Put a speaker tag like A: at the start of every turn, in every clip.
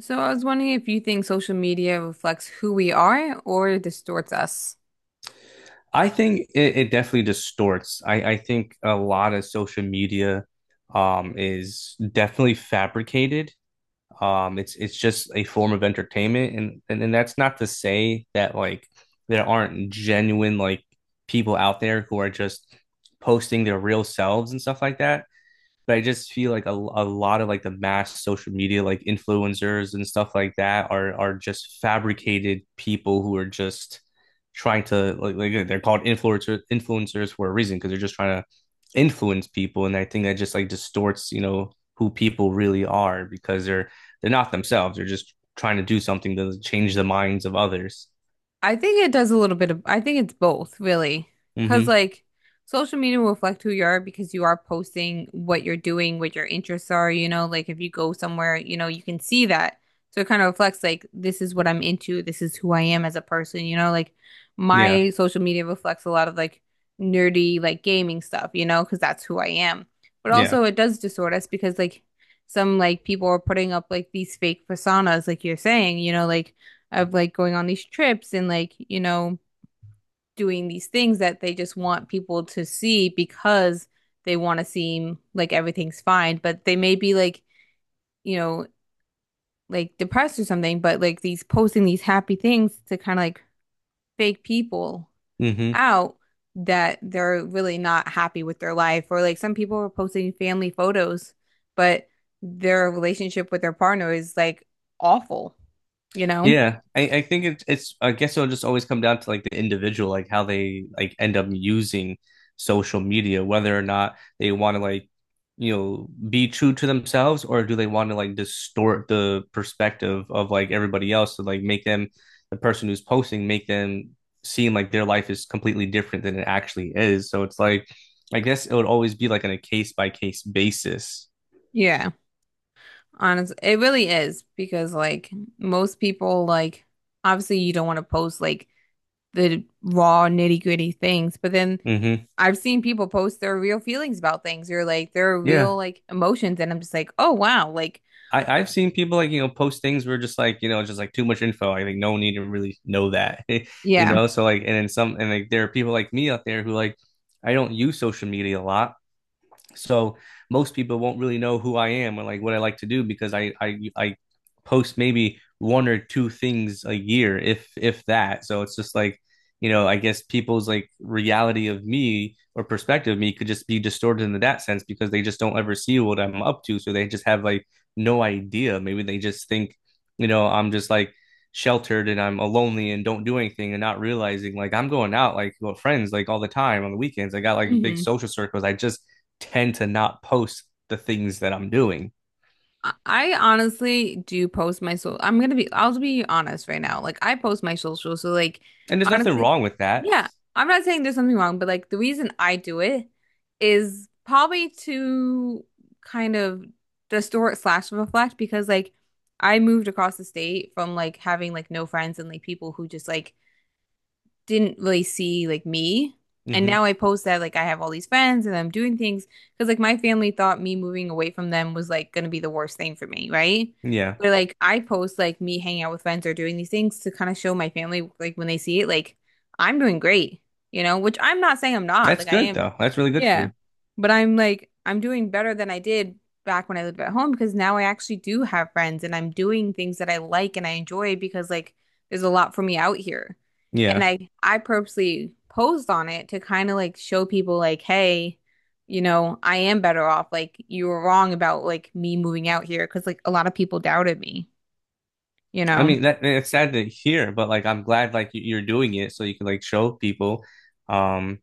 A: So I was wondering if you think social media reflects who we are or distorts us.
B: I think it definitely distorts. I think a lot of social media is definitely fabricated. It's just a form of entertainment and that's not to say that like there aren't genuine like people out there who are just posting their real selves and stuff like that, but I just feel like a lot of like the mass social media like influencers and stuff like that are just fabricated people who are just trying to like they're called influencers for a reason, because they're just trying to influence people. And I think that just like distorts, you know, who people really are, because they're not themselves, they're just trying to do something to change the minds of others.
A: I think it does a little bit of, I think it's both, really. Because,
B: Mm-hmm.
A: like, social media will reflect who you are because you are posting what you're doing, what your interests are, like if you go somewhere, you can see that. So it kind of reflects, like, this is what I'm into, this is who I am as a person, like
B: Yeah,
A: my social media reflects a lot of like nerdy, like gaming stuff, because that's who I am. But
B: yeah.
A: also, it does distort us because, like, some like people are putting up like these fake personas, like you're saying, like, of like going on these trips and like, doing these things that they just want people to see because they want to seem like everything's fine, but they may be like, you know, like depressed or something, but like these posting these happy things to kind of like fake people
B: Mm-hmm.
A: out that they're really not happy with their life. Or like some people are posting family photos, but their relationship with their partner is like awful, you know?
B: Yeah, I think it's, I guess, it'll just always come down to like the individual, like how they like end up using social media, whether or not they want to like, you know, be true to themselves, or do they want to like distort the perspective of like everybody else to like make them the person who's posting, make them seem like their life is completely different than it actually is. So it's like, I guess it would always be like on a case by case basis.
A: Yeah. Honestly, it really is because like most people like obviously you don't want to post like the raw nitty-gritty things, but then
B: Hmm.
A: I've seen people post their real feelings about things or like their real
B: Yeah.
A: like emotions and I'm just like, "Oh wow." Like,
B: I've seen people like, you know, post things where just like, you know, just like too much info. I think no one need to really know that, you
A: yeah.
B: know? So like, and then some, and like there are people like me out there who like, I don't use social media a lot. So most people won't really know who I am or like what I like to do, because I post maybe one or two things a year, if that. So it's just like, you know, I guess people's like reality of me or perspective of me could just be distorted in that sense, because they just don't ever see what I'm up to. So they just have like no idea. Maybe they just think, you know, I'm just like sheltered and I'm lonely and don't do anything, and not realizing like I'm going out like with friends like all the time on the weekends. I got like big
A: Mhm.
B: social circles. I just tend to not post the things that I'm doing.
A: I honestly do post my social. I'll be honest right now. Like I post my social, so like
B: And there's nothing
A: honestly,
B: wrong with that.
A: yeah, I'm not saying there's something wrong, but like the reason I do it is probably to kind of distort slash reflect because like I moved across the state from like having like no friends and like people who just like didn't really see like me. And
B: Hmm.
A: now I post that like I have all these friends and I'm doing things because like my family thought me moving away from them was like gonna be the worst thing for me, right?
B: Yeah.
A: But like I post like me hanging out with friends or doing these things to kind of show my family like when they see it, like I'm doing great, which I'm not saying I'm not,
B: That's
A: like I
B: good
A: am.
B: though. That's really good for
A: Yeah.
B: you.
A: But I'm like I'm doing better than I did back when I lived at home because now I actually do have friends and I'm doing things that I like and I enjoy because like there's a lot for me out here. And
B: Yeah.
A: I purposely posed on it to kind of like show people like, hey, I am better off. Like you were wrong about like me moving out here because like a lot of people doubted me, you
B: I
A: know.
B: mean that it's sad to hear, but like I'm glad like you- you're doing it so you can like show people. Um,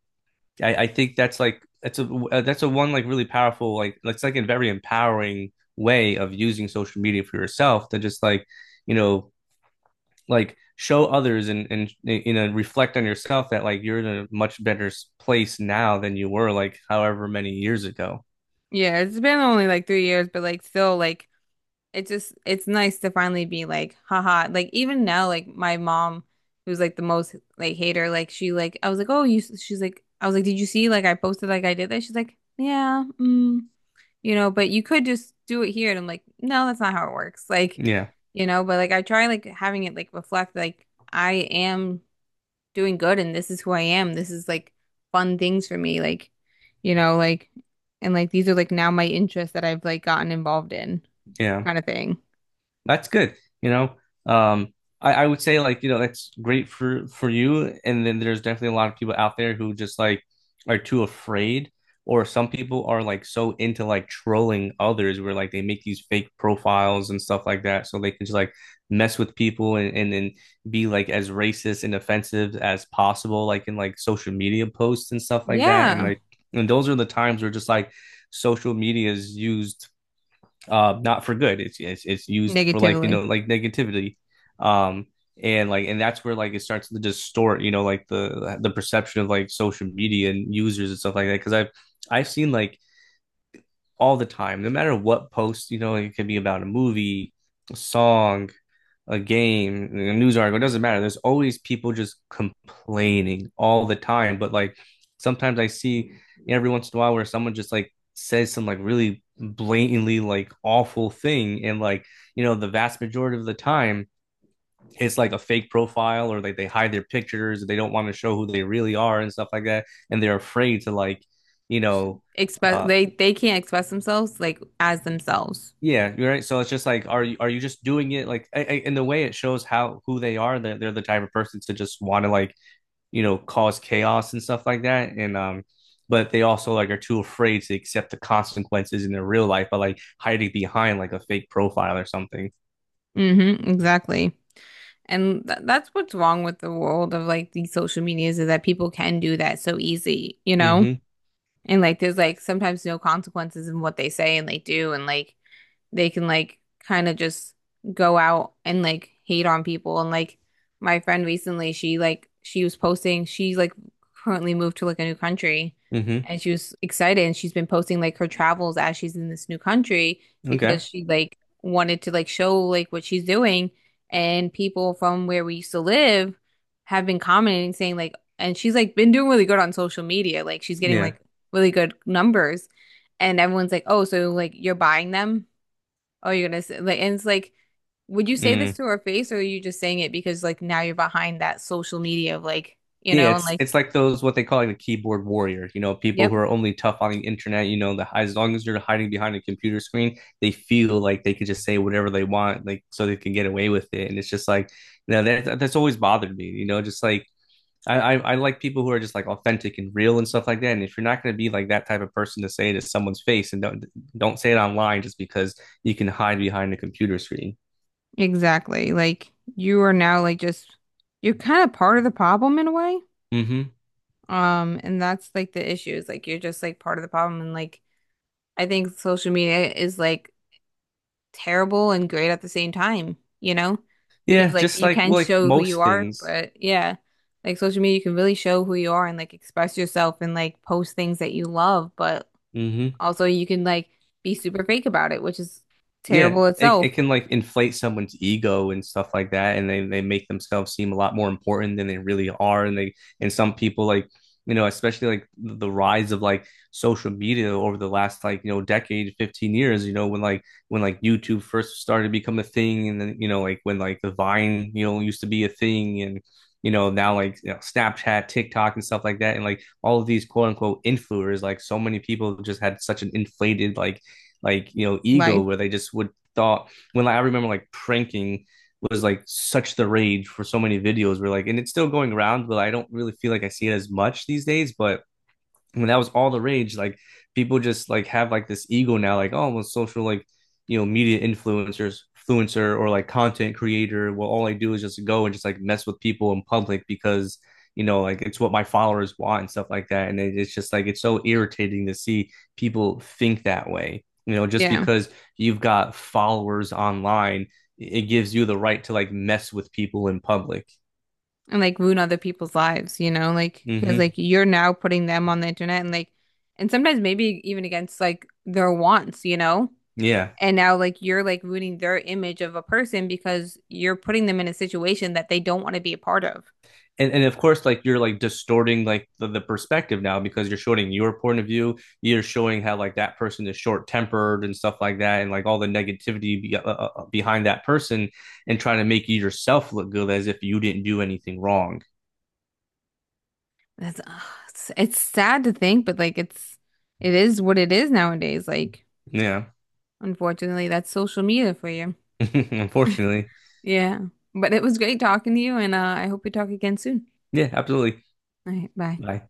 B: I think that's like that's a one like really powerful like it's like a very empowering way of using social media for yourself to just like, you know, like show others and, you know, reflect on yourself that like you're in a much better s- place now than you were like however many years ago.
A: Yeah, it's been only like 3 years, but like still like it just it's nice to finally be like, haha. Like even now, like my mom, who's like the most like hater, like she like I was like, oh, you. She's like, I was like, did you see? Like I posted like I did that. She's like, yeah. Mm. But you could just do it here. And I'm like, no, that's not how it works. Like,
B: Yeah,
A: but like I try like having it like reflect like I am doing good and this is who I am. This is like fun things for me. Like, like, and like these are like now my interests that I've like gotten involved in
B: yeah.
A: kind of thing.
B: That's good. You know, um, I would say like, you know, that's great for you. And then there's definitely a lot of people out there who just like are too afraid, or some people are like so into like trolling others where like they make these fake profiles and stuff like that, so they can just like mess with people, and then be like as racist and offensive as possible, like in like social media posts and stuff like that. And
A: Yeah.
B: like, and those are the times where just like social media is used, not for good. It's used for like, you
A: Negatively.
B: know, like negativity, um, and like, and that's where like it starts to distort, you know, like the perception of like social media and users and stuff like that. Because I've seen like all the time, no matter what post, you know, it could be about a movie, a song, a game, a news article, it doesn't matter. There's always people just complaining all the time. But like sometimes I see every once in a while where someone just like says some like really blatantly like awful thing. And like, you know, the vast majority of the time it's like a fake profile, or like they hide their pictures, they don't want to show who they really are and stuff like that. And they're afraid to like, you know, uh
A: They can't express themselves like as themselves.
B: Yeah, you're right. So it's just like, are you just doing it like in the way it shows how who they are? They're the type of person to just want to like, you know, cause chaos and stuff like that. And but they also like are too afraid to accept the consequences in their real life by like hiding behind like a fake profile or something.
A: Mm-hmm. Exactly. And th that's what's wrong with the world of like these social medias is that people can do that so easy, you know?
B: Mm-hmm.
A: And like there's like sometimes no consequences in what they say and they do and like they can like kind of just go out and like hate on people. And like my friend recently, she like she was posting, she's like currently moved to like a new country
B: Mm-hmm.
A: and she was excited and she's been posting like her travels as she's in this new country because
B: Okay.
A: she like wanted to like show like what she's doing. And people from where we used to live have been commenting saying like, and she's like been doing really good on social media. Like she's getting
B: Yeah.
A: like really good numbers. And everyone's like, oh, so like you're buying them? Oh, you're gonna say like, and it's like, would you say this
B: Mm.
A: to her face, or are you just saying it because like now you're behind that social media of like,
B: Yeah,
A: and
B: it's
A: like,
B: it's like those what they call like the keyboard warrior, you know, people who
A: yep,
B: are only tough on the internet, you know, the as long as you're hiding behind a computer screen, they feel like they could just say whatever they want, like so they can get away with it. And it's just like, you know, that that's always bothered me, you know, just like I like people who are just like authentic and real and stuff like that. And if you're not going to be like that type of person to say it to someone's face, and don't say it online just because you can hide behind a computer screen.
A: exactly. Like you are now like just you're kind of part of the problem in a way.
B: Hmm.
A: And that's like the issue is like you're just like part of the problem, and like I think social media is like terrible and great at the same time, you know? Because
B: Yeah,
A: like
B: just
A: you
B: like
A: can
B: well, like
A: show who you
B: most
A: are,
B: things.
A: but yeah, like social media, you can really show who you are and like express yourself and like post things that you love, but
B: Hmm.
A: also you can like be super fake about it, which is
B: Yeah,
A: terrible
B: it
A: itself.
B: can like inflate someone's ego and stuff like that, and they make themselves seem a lot more important than they really are. And they and some people like, you know, especially like the rise of like social media over the last like, you know, decade, 15 years. You know, when like YouTube first started to become a thing, and then, you know, like when like the Vine, you know, used to be a thing, and, you know, now like, you know, Snapchat, TikTok, and stuff like that, and like all of these quote unquote influencers, like so many people just had such an inflated like, you know, ego
A: Life.
B: where they just would thought when like, I remember like pranking was like such the rage for so many videos where like, and it's still going around, but I don't really feel like I see it as much these days, but when that was all the rage, like people just like have like this ego now, like, oh, well, social like, you know, media influencers, influencer or like content creator. Well, all I do is just go and just like mess with people in public because, you know, like it's what my followers want and stuff like that, and it's just like it's so irritating to see people think that way. You know, just
A: Yeah.
B: because you've got followers online, it gives you the right to like mess with people in public.
A: And like ruin other people's lives, you know? Like, because
B: Hmm.
A: like you're now putting them on the internet and like, and sometimes maybe even against like their wants, you know?
B: Yeah.
A: And now, like, you're like ruining their image of a person because you're putting them in a situation that they don't want to be a part of.
B: And of course like you're like distorting like the perspective now because you're showing your point of view, you're showing how like that person is short tempered and stuff like that, and like all the negativity be, behind that person, and trying to make you yourself look good, as if you didn't do anything wrong.
A: That's, ugh, it's sad to think, but like, it is what it is nowadays. Like,
B: Yeah.
A: unfortunately, that's social media for you.
B: Unfortunately.
A: Yeah. But it was great talking to you, and I hope we talk again soon.
B: Yeah, absolutely.
A: All right. Bye.
B: Bye.